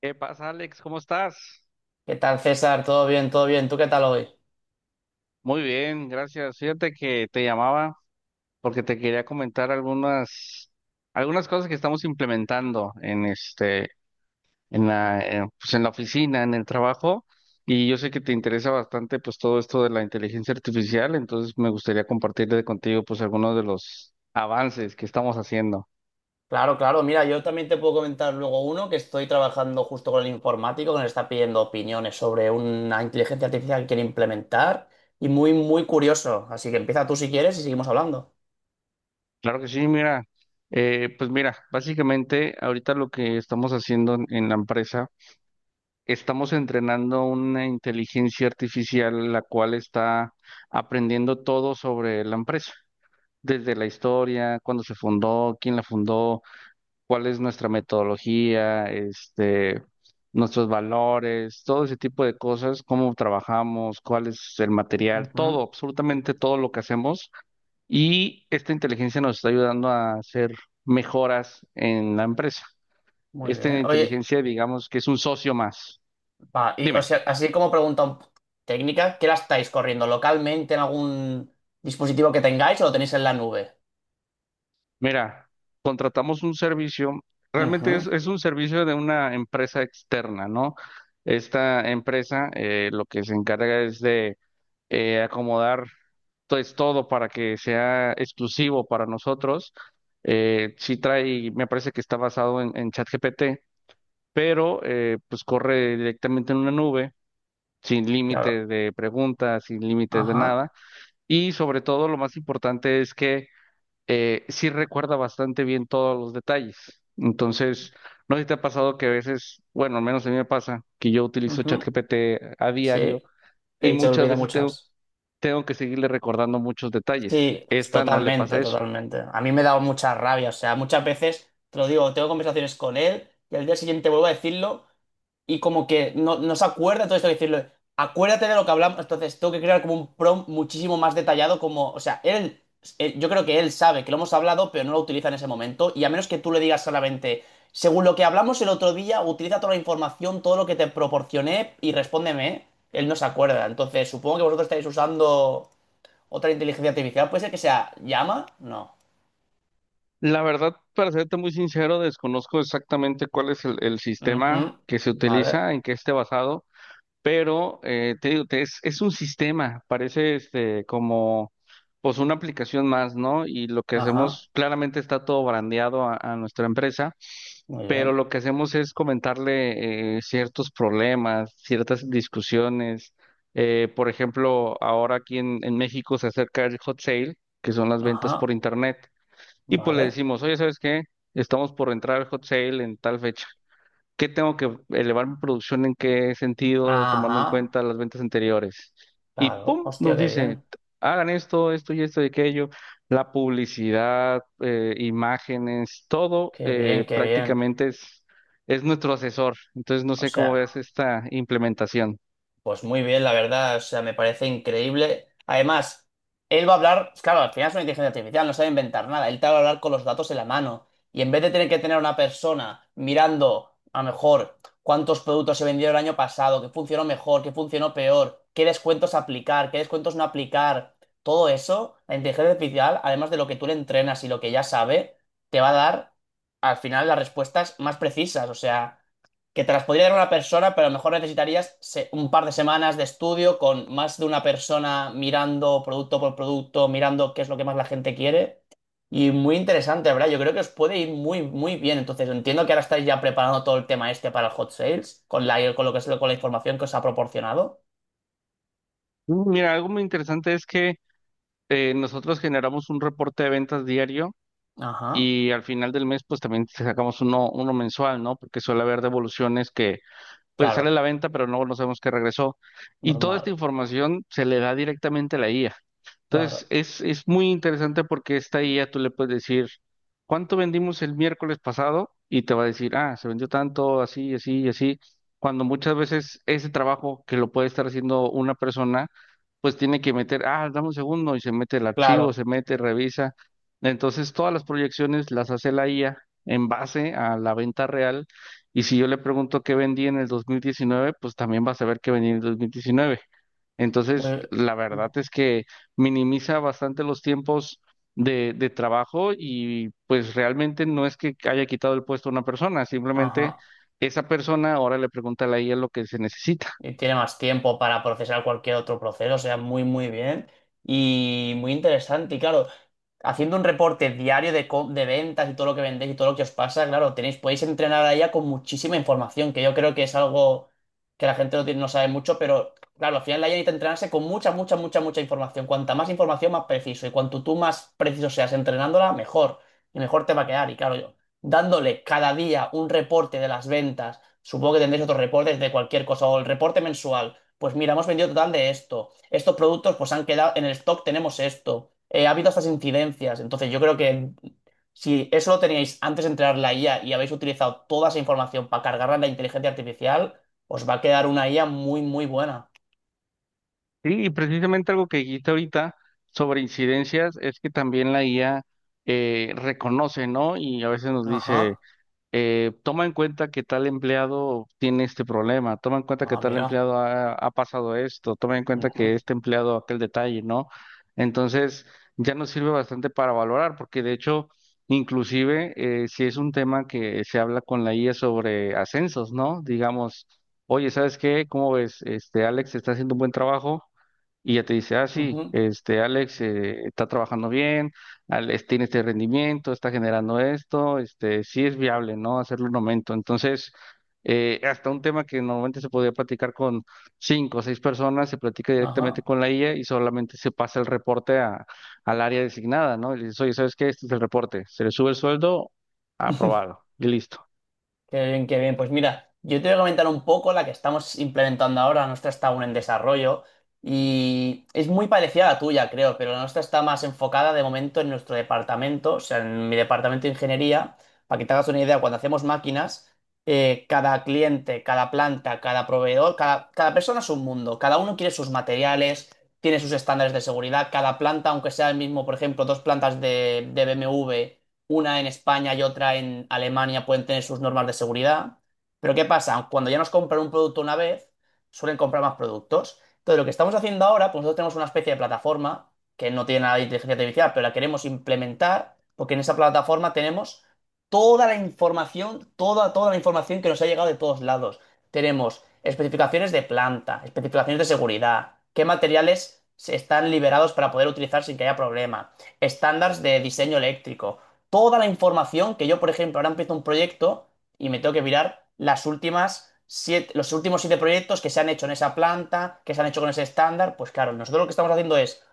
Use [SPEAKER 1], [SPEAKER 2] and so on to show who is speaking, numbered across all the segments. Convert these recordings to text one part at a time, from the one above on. [SPEAKER 1] ¿Qué pasa, Alex? ¿Cómo estás?
[SPEAKER 2] ¿Qué tal, César? ¿Todo bien? ¿Todo bien? ¿Tú qué tal hoy?
[SPEAKER 1] Muy bien, gracias. Fíjate que te llamaba porque te quería comentar algunas cosas que estamos implementando en este en la pues en la oficina, en el trabajo, y yo sé que te interesa bastante pues todo esto de la inteligencia artificial, entonces me gustaría compartirle contigo pues algunos de los avances que estamos haciendo.
[SPEAKER 2] Claro, claro. Mira, yo también te puedo comentar luego uno que estoy trabajando justo con el informático que nos está pidiendo opiniones sobre una inteligencia artificial que quiere implementar y muy, muy curioso. Así que empieza tú si quieres y seguimos hablando.
[SPEAKER 1] Claro que sí, mira, pues mira, básicamente ahorita lo que estamos haciendo en la empresa. Estamos entrenando una inteligencia artificial la cual está aprendiendo todo sobre la empresa, desde la historia, cuándo se fundó, quién la fundó, cuál es nuestra metodología, nuestros valores, todo ese tipo de cosas, cómo trabajamos, cuál es el material,
[SPEAKER 2] Ujú.
[SPEAKER 1] todo, absolutamente todo lo que hacemos. Y esta inteligencia nos está ayudando a hacer mejoras en la empresa.
[SPEAKER 2] Muy
[SPEAKER 1] Esta
[SPEAKER 2] bien. Oye,
[SPEAKER 1] inteligencia, digamos que es un socio más.
[SPEAKER 2] va, y o
[SPEAKER 1] Dime.
[SPEAKER 2] sea, así como pregunta técnica, ¿qué la estáis corriendo? ¿Localmente en algún dispositivo que tengáis o lo tenéis en la nube?
[SPEAKER 1] Mira, contratamos un servicio, realmente es,
[SPEAKER 2] Ujú.
[SPEAKER 1] es un servicio de una empresa externa, ¿no? Esta empresa, lo que se encarga es de acomodar pues todo para que sea exclusivo para nosotros. Sí trae, me parece que está basado en ChatGPT, pero pues corre directamente en una nube, sin
[SPEAKER 2] Claro.
[SPEAKER 1] límites de preguntas, sin límites de
[SPEAKER 2] Ajá.
[SPEAKER 1] nada. Y sobre todo lo más importante es que sí recuerda bastante bien todos los detalles. Entonces, no sé si te ha pasado que a veces, bueno, al menos a mí me pasa que yo utilizo
[SPEAKER 2] Ujú.
[SPEAKER 1] ChatGPT a
[SPEAKER 2] Sí.
[SPEAKER 1] diario y
[SPEAKER 2] Que se
[SPEAKER 1] muchas
[SPEAKER 2] olvida
[SPEAKER 1] veces tengo,
[SPEAKER 2] muchas.
[SPEAKER 1] tengo que seguirle recordando muchos detalles.
[SPEAKER 2] Sí,
[SPEAKER 1] Esta no le pasa
[SPEAKER 2] totalmente,
[SPEAKER 1] eso.
[SPEAKER 2] totalmente. A mí me ha dado mucha rabia, o sea, muchas veces, te lo digo, tengo conversaciones con él y al día siguiente vuelvo a decirlo y como que no, no se acuerda, entonces tengo que decirlo. Acuérdate de lo que hablamos, entonces tengo que crear como un prompt muchísimo más detallado, como, o sea, él, yo creo que él sabe que lo hemos hablado, pero no lo utiliza en ese momento y a menos que tú le digas solamente, según lo que hablamos el otro día, utiliza toda la información, todo lo que te proporcioné y respóndeme, él no se acuerda, entonces supongo que vosotros estáis usando... Otra inteligencia artificial puede ser que sea llama, no.
[SPEAKER 1] La verdad, para serte muy sincero, desconozco exactamente cuál es el sistema
[SPEAKER 2] Ujú.
[SPEAKER 1] que se
[SPEAKER 2] Vale,
[SPEAKER 1] utiliza, en qué esté basado. Pero te digo, es un sistema, parece como pues una aplicación más, ¿no? Y lo que
[SPEAKER 2] ajá,
[SPEAKER 1] hacemos, claramente está todo brandeado a nuestra empresa,
[SPEAKER 2] muy
[SPEAKER 1] pero
[SPEAKER 2] bien,
[SPEAKER 1] lo que hacemos es comentarle ciertos problemas, ciertas discusiones. Por ejemplo, ahora aquí en México se acerca el hot sale, que son las ventas por
[SPEAKER 2] ajá,
[SPEAKER 1] internet, y pues le
[SPEAKER 2] vale,
[SPEAKER 1] decimos, oye, ¿sabes qué? Estamos por entrar al hot sale en tal fecha. ¿Qué tengo que elevar mi producción en qué sentido, tomando
[SPEAKER 2] ajá,
[SPEAKER 1] en cuenta las ventas anteriores? Y
[SPEAKER 2] claro,
[SPEAKER 1] pum, nos
[SPEAKER 2] hostia, qué
[SPEAKER 1] dice,
[SPEAKER 2] bien,
[SPEAKER 1] hagan esto, esto y esto y aquello, la publicidad, imágenes, todo,
[SPEAKER 2] qué bien, qué bien.
[SPEAKER 1] prácticamente es nuestro asesor. Entonces no
[SPEAKER 2] O
[SPEAKER 1] sé cómo ves
[SPEAKER 2] sea,
[SPEAKER 1] esta implementación.
[SPEAKER 2] pues muy bien, la verdad, o sea, me parece increíble. Además, él va a hablar, claro, al final es una inteligencia artificial, no sabe inventar nada, él te va a hablar con los datos en la mano. Y en vez de tener que tener a una persona mirando, a lo mejor, cuántos productos se vendieron el año pasado, qué funcionó mejor, qué funcionó peor, qué descuentos aplicar, qué descuentos no aplicar, todo eso, la inteligencia artificial, además de lo que tú le entrenas y lo que ya sabe, te va a dar, al final, las respuestas más precisas. O sea que te las podría dar una persona, pero a lo mejor necesitarías un par de semanas de estudio con más de una persona mirando producto por producto, mirando qué es lo que más la gente quiere. Y muy interesante, ¿verdad? Yo creo que os puede ir muy, muy bien. Entonces, entiendo que ahora estáis ya preparando todo el tema este para el hot sales, con la, con lo que es, con la información que os ha proporcionado.
[SPEAKER 1] Mira, algo muy interesante es que nosotros generamos un reporte de ventas diario
[SPEAKER 2] Ajá,
[SPEAKER 1] y al final del mes pues también sacamos uno, uno mensual, ¿no? Porque suele haber devoluciones que pues sale a
[SPEAKER 2] claro,
[SPEAKER 1] la venta, pero no, no sabemos qué regresó. Y toda esta
[SPEAKER 2] normal,
[SPEAKER 1] información se le da directamente a la IA. Entonces,
[SPEAKER 2] claro,
[SPEAKER 1] es muy interesante porque esta IA tú le puedes decir, ¿cuánto vendimos el miércoles pasado? Y te va a decir, ah, se vendió tanto, así, así y así. Cuando muchas veces ese trabajo que lo puede estar haciendo una persona, pues tiene que meter, ah, dame un segundo y se mete el archivo,
[SPEAKER 2] claro.
[SPEAKER 1] se mete, revisa. Entonces, todas las proyecciones las hace la IA en base a la venta real, y si yo le pregunto qué vendí en el 2019, pues también vas a ver qué vendí en el 2019. Entonces,
[SPEAKER 2] Muy,
[SPEAKER 1] la verdad es que minimiza bastante los tiempos de trabajo, y pues realmente no es que haya quitado el puesto a una persona, simplemente
[SPEAKER 2] ajá.
[SPEAKER 1] esa persona ahora le pregunta a la IA lo que se necesita.
[SPEAKER 2] Y tiene más tiempo para procesar cualquier otro proceso, o sea, muy, muy bien y muy interesante. Y claro, haciendo un reporte diario de, de ventas y todo lo que vendéis y todo lo que os pasa, claro, tenéis, podéis entrenar a ella con muchísima información, que yo creo que es algo que la gente no, no sabe mucho, pero claro, al final la IA necesita entrenarse con mucha, mucha, mucha, mucha información. Cuanta más información, más preciso. Y cuanto tú más preciso seas entrenándola, mejor. Y mejor te va a quedar. Y claro, yo, dándole cada día un reporte de las ventas. Supongo que tendréis otros reportes de cualquier cosa o el reporte mensual. Pues mira, hemos vendido total de esto. Estos productos pues han quedado en el stock, tenemos esto. Ha habido estas incidencias. Entonces yo creo que si eso lo teníais antes de entrar la IA y habéis utilizado toda esa información para cargarla en la inteligencia artificial, os va a quedar una IA muy, muy buena.
[SPEAKER 1] Sí, y precisamente algo que dijiste ahorita sobre incidencias es que también la IA reconoce, ¿no? Y a veces nos dice
[SPEAKER 2] Ajá.
[SPEAKER 1] toma en cuenta que tal empleado tiene este problema, toma en cuenta que
[SPEAKER 2] Ah,
[SPEAKER 1] tal
[SPEAKER 2] mira.
[SPEAKER 1] empleado ha pasado esto, toma en cuenta
[SPEAKER 2] Ujú,
[SPEAKER 1] que este empleado aquel detalle, ¿no? Entonces, ya nos sirve bastante para valorar, porque de hecho, inclusive, si es un tema que se habla con la IA sobre ascensos, ¿no? Digamos, oye, ¿sabes qué? ¿Cómo ves? Alex está haciendo un buen trabajo. Y ya te dice, ah, sí,
[SPEAKER 2] ujú,
[SPEAKER 1] Alex está trabajando bien, Alex tiene este rendimiento, está generando esto, este, sí es viable, ¿no? Hacerlo un aumento. Entonces, hasta un tema que normalmente se podía platicar con cinco o seis personas, se platica directamente
[SPEAKER 2] ajá.
[SPEAKER 1] con la IA y solamente se pasa el reporte al área designada, ¿no? Y le dices, oye, ¿sabes qué? Este es el reporte. Se le sube el sueldo, aprobado, y listo.
[SPEAKER 2] Qué bien, qué bien. Pues mira, yo te voy a comentar un poco la que estamos implementando ahora. La nuestra está aún en desarrollo y es muy parecida a la tuya, creo, pero la nuestra está más enfocada de momento en nuestro departamento, o sea, en mi departamento de ingeniería. Para que te hagas una idea, cuando hacemos máquinas, cada cliente, cada planta, cada proveedor, cada, cada persona es un mundo. Cada uno quiere sus materiales, tiene sus estándares de seguridad. Cada planta, aunque sea el mismo, por ejemplo, dos plantas de BMW, una en España y otra en Alemania, pueden tener sus normas de seguridad. Pero ¿qué pasa? Cuando ya nos compran un producto una vez, suelen comprar más productos. Entonces, lo que estamos haciendo ahora, pues nosotros tenemos una especie de plataforma que no tiene nada de inteligencia artificial, pero la queremos implementar porque en esa plataforma tenemos toda la información, toda, toda la información que nos ha llegado de todos lados. Tenemos especificaciones de planta, especificaciones de seguridad, qué materiales se están liberados para poder utilizar sin que haya problema, estándares de diseño eléctrico, toda la información que yo, por ejemplo, ahora empiezo un proyecto y me tengo que mirar los últimos siete proyectos que se han hecho en esa planta, que se han hecho con ese estándar. Pues claro, nosotros lo que estamos haciendo es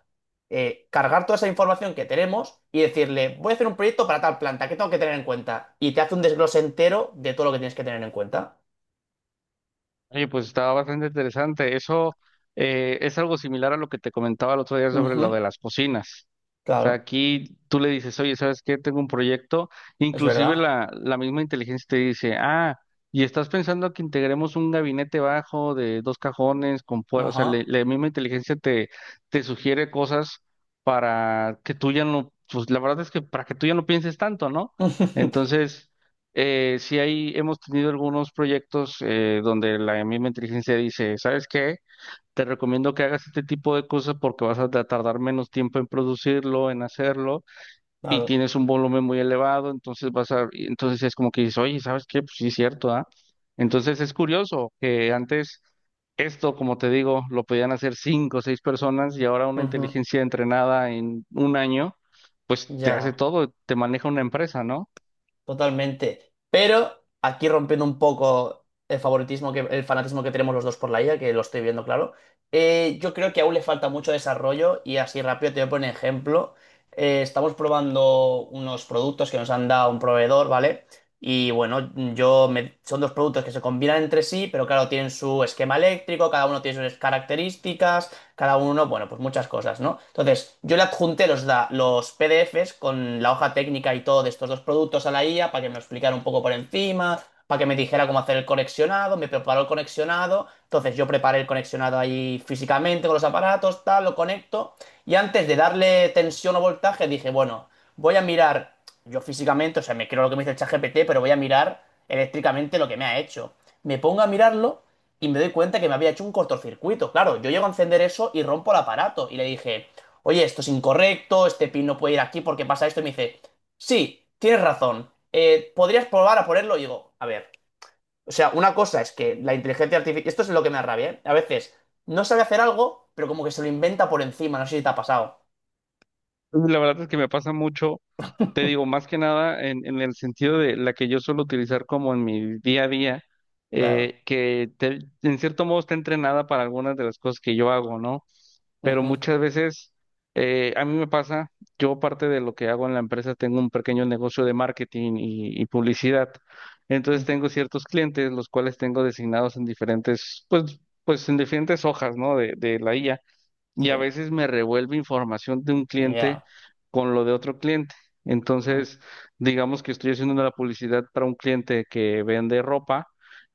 [SPEAKER 2] cargar toda esa información que tenemos y decirle, voy a hacer un proyecto para tal planta, ¿qué tengo que tener en cuenta? Y te hace un desglose entero de todo lo que tienes que tener en cuenta.
[SPEAKER 1] Oye, pues estaba bastante interesante. Eso es algo similar a lo que te comentaba el otro día sobre lo
[SPEAKER 2] Ujú.
[SPEAKER 1] de las cocinas. O sea,
[SPEAKER 2] Claro,
[SPEAKER 1] aquí tú le dices, oye, ¿sabes qué? Tengo un proyecto.
[SPEAKER 2] es
[SPEAKER 1] Inclusive
[SPEAKER 2] verdad.
[SPEAKER 1] la misma inteligencia te dice, ah, y estás pensando que integremos un gabinete bajo de dos cajones con puer-". O sea,
[SPEAKER 2] Ajá.
[SPEAKER 1] la misma inteligencia te sugiere cosas para que tú ya no, pues la verdad es que para que tú ya no pienses tanto, ¿no? Entonces. Sí, ahí hemos tenido algunos proyectos donde la misma inteligencia dice, ¿sabes qué? Te recomiendo que hagas este tipo de cosas porque vas a tardar menos tiempo en producirlo, en hacerlo, y
[SPEAKER 2] Claro.
[SPEAKER 1] tienes un volumen muy elevado, entonces y entonces es como que dices, oye, ¿sabes qué? Pues sí, es cierto, ¿ah? Entonces es curioso que antes esto, como te digo, lo podían hacer cinco o seis personas y ahora una
[SPEAKER 2] Ujú.
[SPEAKER 1] inteligencia entrenada en un año, pues te hace
[SPEAKER 2] Ya.
[SPEAKER 1] todo, te maneja una empresa, ¿no?
[SPEAKER 2] Totalmente. Pero aquí rompiendo un poco el favoritismo que, el fanatismo que tenemos los dos por la IA, que lo estoy viendo claro, yo creo que aún le falta mucho desarrollo y así rápido te voy a poner ejemplo. Estamos probando unos productos que nos han dado un proveedor, ¿vale? Y bueno, son dos productos que se combinan entre sí, pero claro, tienen su esquema eléctrico, cada uno tiene sus características, cada uno, bueno, pues muchas cosas, ¿no? Entonces, yo le adjunté los, los PDFs con la hoja técnica y todo de estos dos productos a la IA para que me lo explicara un poco por encima, para que me dijera cómo hacer el conexionado, me preparó el conexionado, entonces yo preparé el conexionado ahí físicamente con los aparatos, tal, lo conecto y antes de darle tensión o voltaje dije, bueno, voy a mirar yo físicamente, o sea, me creo lo que me dice el ChatGPT, pero voy a mirar eléctricamente lo que me ha hecho. Me pongo a mirarlo y me doy cuenta que me había hecho un cortocircuito. Claro, yo llego a encender eso y rompo el aparato. Y le dije, oye, esto es incorrecto, este pin no puede ir aquí porque pasa esto. Y me dice, sí, tienes razón, podrías probar a ponerlo. Y digo, a ver, o sea, una cosa es que la inteligencia artificial, esto es lo que me arrabia, ¿eh? A veces no sabe hacer algo, pero como que se lo inventa por encima, no sé si te ha pasado.
[SPEAKER 1] La verdad es que me pasa mucho, te digo, más que nada en el sentido de la que yo suelo utilizar como en mi día a día,
[SPEAKER 2] Claro.
[SPEAKER 1] en cierto modo está entrenada para algunas de las cosas que yo hago, ¿no? Pero
[SPEAKER 2] Ujú,
[SPEAKER 1] muchas veces a mí me pasa, yo parte de lo que hago en la empresa tengo un pequeño negocio de marketing y publicidad, entonces
[SPEAKER 2] ujú.
[SPEAKER 1] tengo ciertos clientes los cuales tengo designados en diferentes, pues en diferentes hojas, ¿no? De la IA, y
[SPEAKER 2] Sí,
[SPEAKER 1] a veces me revuelve información de un cliente
[SPEAKER 2] ya.
[SPEAKER 1] con lo de otro cliente. Entonces, digamos que estoy haciendo la publicidad para un cliente que vende ropa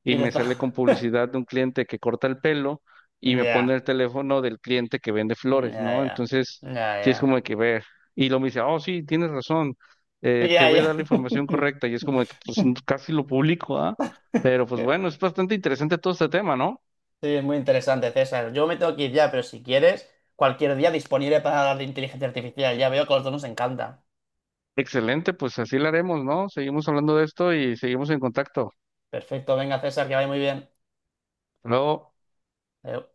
[SPEAKER 1] y
[SPEAKER 2] Y te
[SPEAKER 1] me sale
[SPEAKER 2] está...
[SPEAKER 1] con publicidad de un cliente que corta el pelo y me
[SPEAKER 2] Ya,
[SPEAKER 1] pone el teléfono del cliente que vende flores,
[SPEAKER 2] ya,
[SPEAKER 1] ¿no?
[SPEAKER 2] ya,
[SPEAKER 1] Entonces,
[SPEAKER 2] ya,
[SPEAKER 1] sí es como
[SPEAKER 2] ya,
[SPEAKER 1] de que ver. Y lo me dice, oh, sí, tienes razón, te voy a
[SPEAKER 2] ya,
[SPEAKER 1] dar la información correcta. Y es como de que pues, casi lo publico, ¿ah? Pero pues
[SPEAKER 2] ya.
[SPEAKER 1] bueno, es bastante interesante todo este tema, ¿no?
[SPEAKER 2] Sí, es muy interesante, César. Yo me tengo que ir ya, pero si quieres, cualquier día disponible para hablar de inteligencia artificial. Ya veo que a los dos nos encanta.
[SPEAKER 1] Excelente, pues así lo haremos, ¿no? Seguimos hablando de esto y seguimos en contacto.
[SPEAKER 2] Perfecto, venga, César, que vaya muy bien.
[SPEAKER 1] Hasta luego.
[SPEAKER 2] Adeu.